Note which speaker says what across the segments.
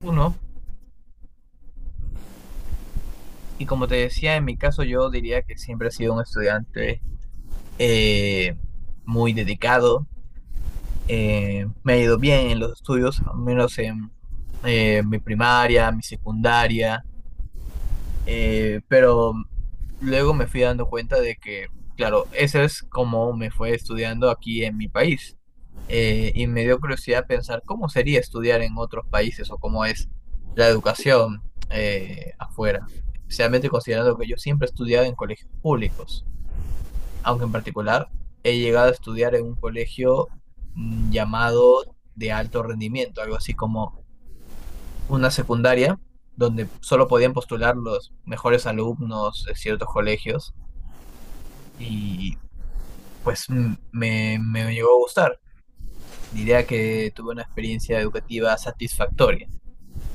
Speaker 1: Uno, y como te decía, en mi caso yo diría que siempre he sido un estudiante eh, muy dedicado. Me ha ido bien en los estudios, al menos en mi primaria, mi secundaria. Pero luego me fui dando cuenta de que, claro, eso es como me fue estudiando aquí en mi país. Y me dio curiosidad pensar cómo sería estudiar en otros países o cómo es la educación afuera, especialmente considerando que yo siempre he estudiado en colegios públicos, aunque en particular he llegado a estudiar en un colegio llamado de alto rendimiento, algo así como una secundaria donde solo podían postular los mejores alumnos de ciertos colegios y pues me llegó a gustar. Diría que tuve una experiencia educativa satisfactoria.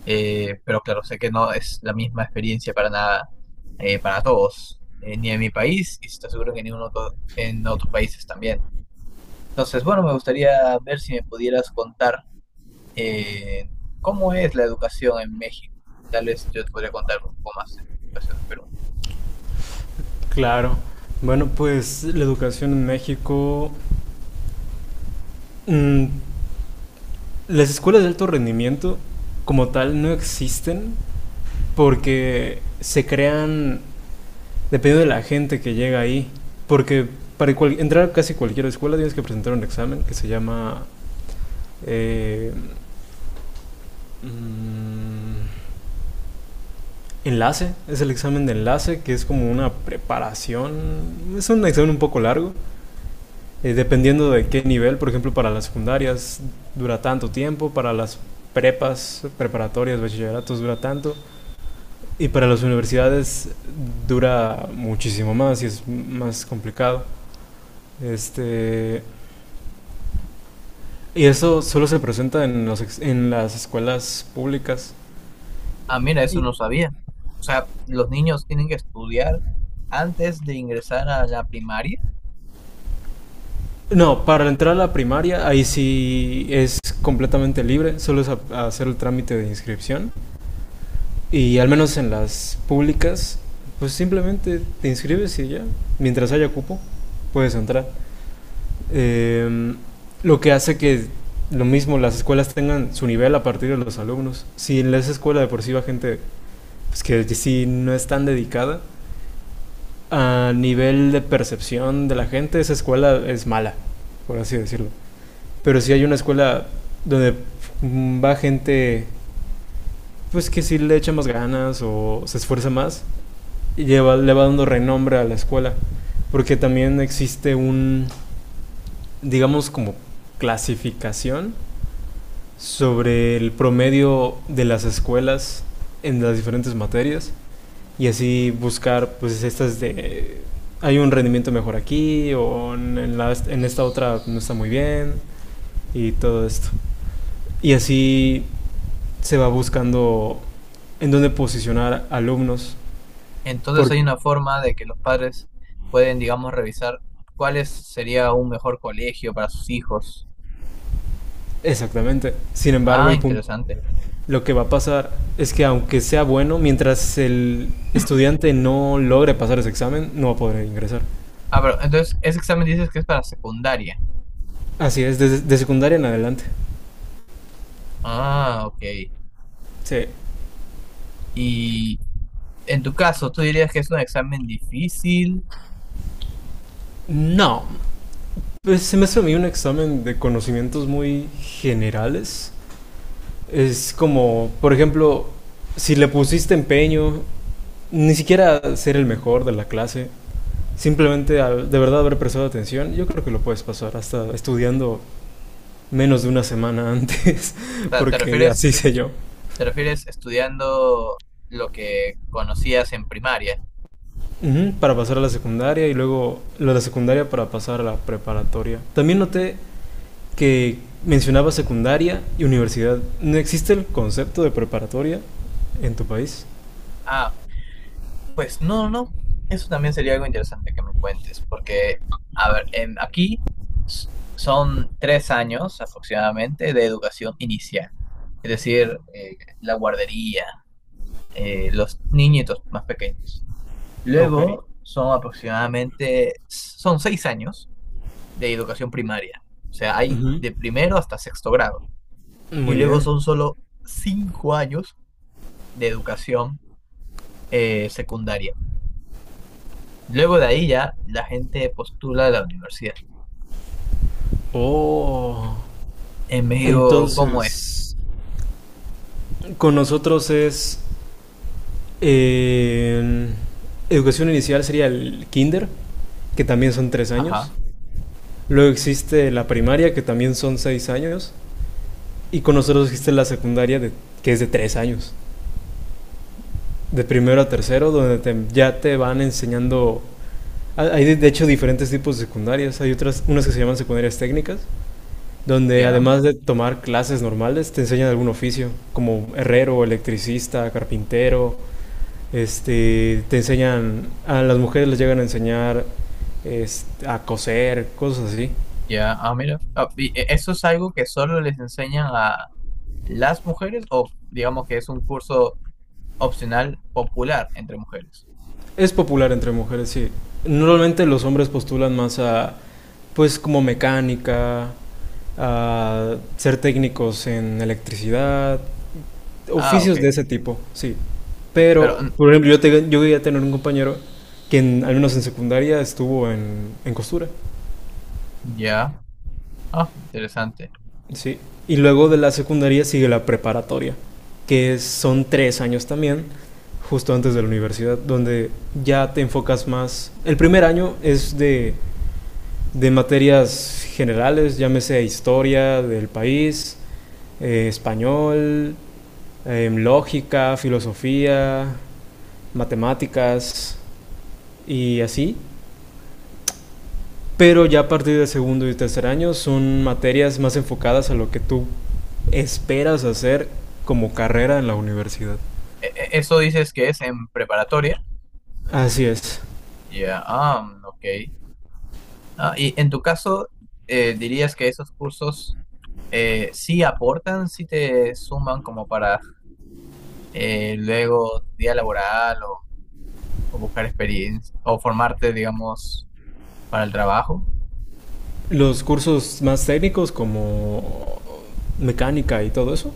Speaker 1: Pero claro, sé que no es la misma experiencia para nada, para todos, ni en mi país y estoy seguro que en ningún otro, en otros países también. Entonces, bueno, me gustaría ver si me pudieras contar eh, ¿cómo es la educación en México? Tal vez yo te podría contar un poco más de educación en Perú.
Speaker 2: Claro. Bueno, pues la educación en México, mm, las escuelas de alto rendimiento como tal no existen porque se crean dependiendo de la gente que llega ahí. Porque entrar a casi cualquier escuela tienes que presentar un examen que se llama eh, mm, enlace. Es el examen de enlace que es como una preparación. Es un examen un poco largo dependiendo de qué nivel, por ejemplo, para las secundarias dura tanto tiempo, para las prepas, preparatorias, bachilleratos dura tanto, y para las universidades dura muchísimo más y es más complicado. Este, y eso solo se presenta en, en las escuelas públicas.
Speaker 1: Ah, mira, eso
Speaker 2: Y,
Speaker 1: no sabía. O sea, los niños tienen que estudiar antes de ingresar a la primaria.
Speaker 2: no, para entrar a la primaria ahí sí es completamente libre, solo es hacer el trámite de inscripción. Y al menos en las públicas, pues simplemente te inscribes y ya, mientras haya cupo, puedes entrar. Eh, lo que hace que lo mismo las escuelas tengan su nivel a partir de los alumnos. Si en esa escuela de por sí va gente pues, que sí no es tan dedicada, a nivel de percepción de la gente, esa escuela es mala, por así decirlo. Pero si hay una escuela donde va gente pues que sí le echa más ganas o se esfuerza más, y lleva, le va dando renombre a la escuela. Porque también existe un, digamos, como clasificación sobre el promedio de las escuelas en las diferentes materias y así buscar pues estas de hay un rendimiento mejor aquí o en, la, en esta otra no está muy bien y todo esto y así se va buscando en dónde posicionar alumnos
Speaker 1: Entonces
Speaker 2: por
Speaker 1: hay una forma de que los padres pueden, digamos, revisar sería un mejor colegio para sus hijos.
Speaker 2: exactamente, sin embargo
Speaker 1: Ah,
Speaker 2: el punto
Speaker 1: interesante.
Speaker 2: lo que va a pasar es que aunque sea bueno, mientras el estudiante no logre pasar ese examen, no va a poder ingresar.
Speaker 1: Ah, pero entonces ese examen dices que es para secundaria.
Speaker 2: Así es, desde de secundaria en adelante.
Speaker 1: Ah, ok.
Speaker 2: Sí.
Speaker 1: Y en tu caso, ¿tú dirías que es un examen difícil?
Speaker 2: No. Pues se me hace a mí un examen de conocimientos muy generales. Es como, por ejemplo, si le pusiste empeño, ni siquiera ser el mejor de la clase, simplemente al de verdad haber prestado atención, yo creo que lo puedes pasar hasta estudiando menos de una semana antes,
Speaker 1: O sea,
Speaker 2: porque así sé yo.
Speaker 1: ¿Te refieres estudiando lo que conocías en primaria?
Speaker 2: Ujú, para pasar a la secundaria y luego la de secundaria para pasar a la preparatoria. También noté que mencionaba secundaria y universidad. ¿No existe el concepto de preparatoria en tu país?
Speaker 1: Ah, pues no, no. Eso también sería algo interesante que me cuentes, porque, a ver, aquí son 3 años aproximadamente de educación inicial, es decir, la guardería, los niñitos más pequeños.
Speaker 2: Ok.
Speaker 1: Luego son aproximadamente, son 6 años de educación primaria, o sea, hay
Speaker 2: Ujú.
Speaker 1: de primero hasta sexto grado, y
Speaker 2: Muy
Speaker 1: luego
Speaker 2: bien.
Speaker 1: son solo 5 años de educación secundaria. Luego de ahí ya la gente postula a la universidad.
Speaker 2: Oh.
Speaker 1: En México, ¿cómo es?
Speaker 2: Entonces, con nosotros es eh, educación inicial sería el kinder, que también son 3 años.
Speaker 1: Ajá,
Speaker 2: Luego existe la primaria, que también son 6 años. Y con nosotros existe la secundaria, de, que es de 3 años, de primero a tercero, donde ya te van enseñando. Hay de hecho diferentes tipos de secundarias. Hay otras, unas que se llaman secundarias técnicas, donde
Speaker 1: ya,
Speaker 2: además de tomar clases normales, te enseñan algún oficio, como herrero, electricista, carpintero. Este, te enseñan, a las mujeres les llegan a enseñar este, a coser, cosas así.
Speaker 1: ya, ah, mira. Ah, y ¿eso es algo que solo les enseñan a las mujeres o digamos que es un curso opcional popular entre mujeres?
Speaker 2: Es popular entre mujeres, sí. Normalmente los hombres postulan más a, pues, como mecánica, a ser técnicos en electricidad,
Speaker 1: Ah, ok.
Speaker 2: oficios de ese tipo, sí.
Speaker 1: Mm, pero,
Speaker 2: Pero,
Speaker 1: mm,
Speaker 2: por ejemplo, yo llegué a tener un compañero que, al menos en secundaria, estuvo en costura,
Speaker 1: ya, ah, interesante.
Speaker 2: sí. Y luego de la secundaria sigue la preparatoria, que son tres años también, justo antes de la universidad, donde ya te enfocas más. El primer año es de materias generales, llámese historia del país, español, lógica, filosofía, matemáticas y así. Pero ya a partir del segundo y tercer año son materias más enfocadas a lo que tú esperas hacer como carrera en la universidad.
Speaker 1: ¿Eso dices que es en preparatoria?
Speaker 2: Así es.
Speaker 1: Ya, ah, mm, ok. Ah, y en tu caso, ¿dirías que esos cursos sí aportan, sí te suman como para luego día laboral o buscar experiencia o formarte, digamos, para el trabajo?
Speaker 2: Los cursos más técnicos como mecánica y todo eso.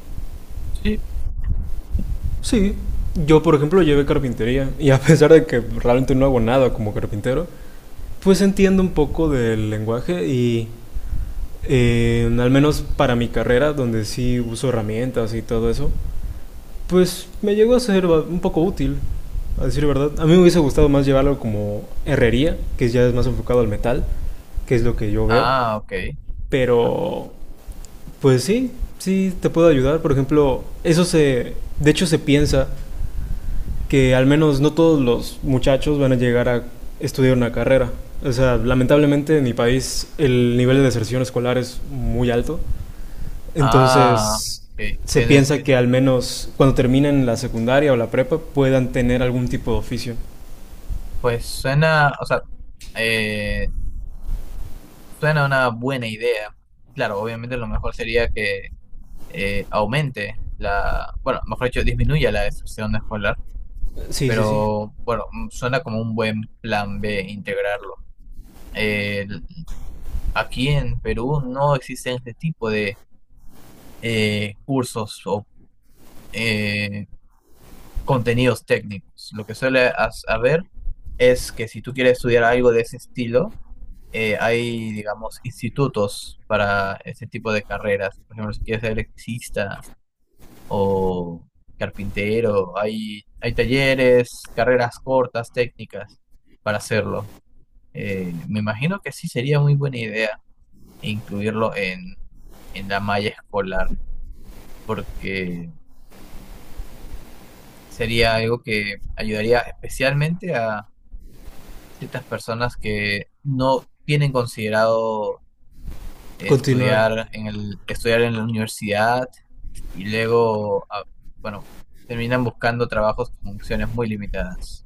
Speaker 1: Sí.
Speaker 2: Sí, yo por ejemplo llevé carpintería y a pesar de que realmente no hago nada como carpintero, pues entiendo un poco del lenguaje y al menos para mi carrera, donde sí uso herramientas y todo eso, pues me llegó a ser un poco útil, a decir verdad. A mí me hubiese gustado más llevarlo como herrería, que ya es más enfocado al metal, que es lo que yo veo.
Speaker 1: Ah, ok.
Speaker 2: Pero, pues sí, sí te puedo ayudar. Por ejemplo, de hecho se piensa que al menos no todos los muchachos van a llegar a estudiar una carrera. O sea, lamentablemente en mi país el nivel de deserción escolar es muy alto.
Speaker 1: Ah,
Speaker 2: Entonces,
Speaker 1: ok.
Speaker 2: se
Speaker 1: Tienes,
Speaker 2: piensa que al menos cuando terminen la secundaria o la prepa puedan tener algún tipo de oficio.
Speaker 1: pues suena, o sea, eh, suena una buena idea. Claro, obviamente lo mejor sería que aumente la, bueno, mejor dicho, disminuya la deserción escolar,
Speaker 2: Sí, sí, sí.
Speaker 1: pero bueno, mm, suena como un buen plan B integrarlo. Eh, Aquí en Perú no existen este tipo de cursos o eh, contenidos técnicos. Lo que suele haber es que si tú quieres estudiar algo de ese estilo, hay, digamos, institutos para ese tipo de carreras. Por ejemplo, si quieres ser electricista o carpintero, hay talleres, carreras cortas, técnicas para hacerlo. Me imagino que sí sería muy buena idea incluirlo en la malla escolar, porque sería algo que ayudaría especialmente a ciertas personas que no tienen considerado
Speaker 2: Continuar.
Speaker 1: estudiar en la universidad y luego, ah, bueno, terminan buscando trabajos con funciones muy limitadas.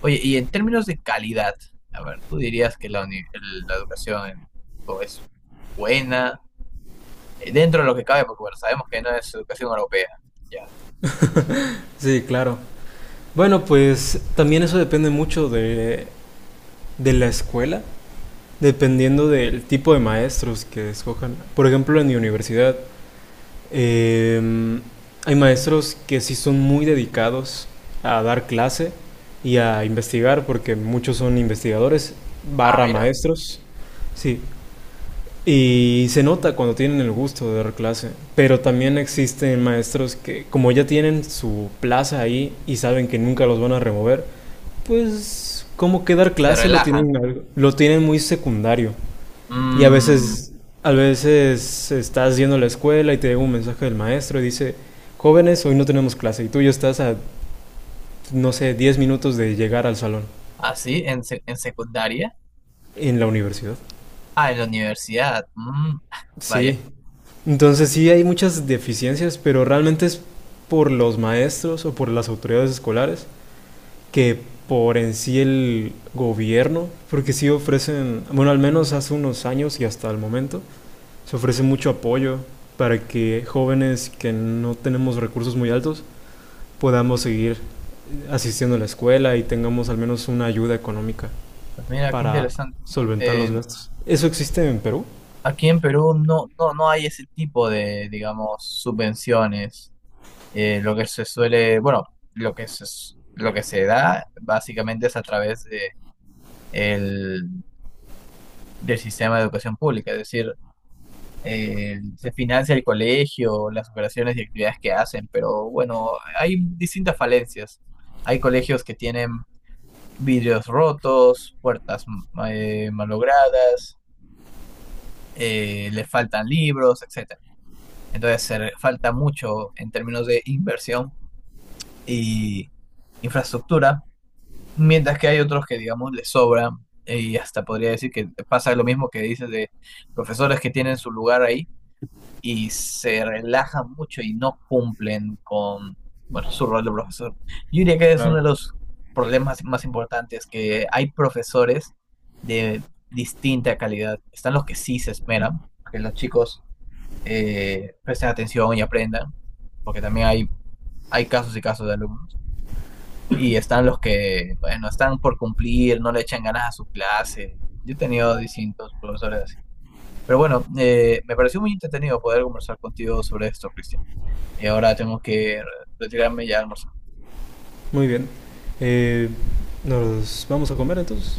Speaker 1: Oye, y en términos de calidad, a ver, ¿tú dirías que la educación en México es buena? Dentro de lo que cabe, porque bueno, sabemos que no es educación europea. Ya.
Speaker 2: Sí, claro. Bueno, pues también eso depende mucho de la escuela, dependiendo del tipo de maestros que escojan. Por ejemplo, en mi universidad Eh, hay maestros que sí son muy dedicados a dar clase y a investigar, porque muchos son investigadores,
Speaker 1: Ah,
Speaker 2: barra
Speaker 1: mira,
Speaker 2: maestros, sí. Y se nota cuando tienen el gusto de dar clase, pero también existen maestros que como ya tienen su plaza ahí y saben que nunca los van a remover, pues como que dar
Speaker 1: se
Speaker 2: clase lo
Speaker 1: relajan.
Speaker 2: tienen, lo tienen muy secundario. Y
Speaker 1: Mm,
Speaker 2: a veces estás yendo a la escuela y te llega un mensaje del maestro y dice, jóvenes, hoy no tenemos clase. Y tú ya estás a, no sé, 10 minutos de llegar al salón
Speaker 1: ah, sí, en secundaria.
Speaker 2: en la universidad.
Speaker 1: Ah, en la universidad. Mm, vaya,
Speaker 2: Sí. Entonces sí hay muchas deficiencias, pero realmente es por los maestros o por las autoridades escolares que por en sí el gobierno, porque sí ofrecen, bueno, al menos hace unos años y hasta el momento, se ofrece mucho apoyo para que jóvenes que no tenemos recursos muy altos podamos seguir asistiendo a la escuela y tengamos al menos una ayuda económica
Speaker 1: pues mira, qué
Speaker 2: para
Speaker 1: interesante.
Speaker 2: solventar los
Speaker 1: Eh,
Speaker 2: gastos. ¿Eso existe en Perú?
Speaker 1: Aquí en Perú no, no, no hay ese tipo de, digamos, subvenciones. Lo que se suele, bueno, lo que se da básicamente es a través de el, del sistema de educación pública. Es decir, se financia el colegio, las operaciones y actividades que hacen, pero bueno, hay distintas falencias. Hay colegios que tienen vidrios rotos, puertas malogradas, le faltan libros, etcétera. Entonces, falta mucho en términos de inversión y infraestructura, mientras que hay otros que, digamos, les sobra, y hasta podría decir que pasa lo mismo que dices de profesores que tienen su lugar ahí y se relajan mucho y no cumplen con, bueno, su rol de profesor. Yo diría que es uno de
Speaker 2: Claro.
Speaker 1: los problemas más importantes, que hay profesores de distinta calidad. Están los que sí se esmeran, que los chicos presten atención y aprendan, porque también hay casos y casos de alumnos. Y están los que, bueno, están por cumplir, no le echan ganas a su clase. Yo he tenido distintos profesores así. Pero bueno, me pareció muy entretenido poder conversar contigo sobre esto, Cristian. Y ahora tengo que retirarme ya a almorzar.
Speaker 2: Muy bien. Eh, ¿Nos vamos a comer entonces?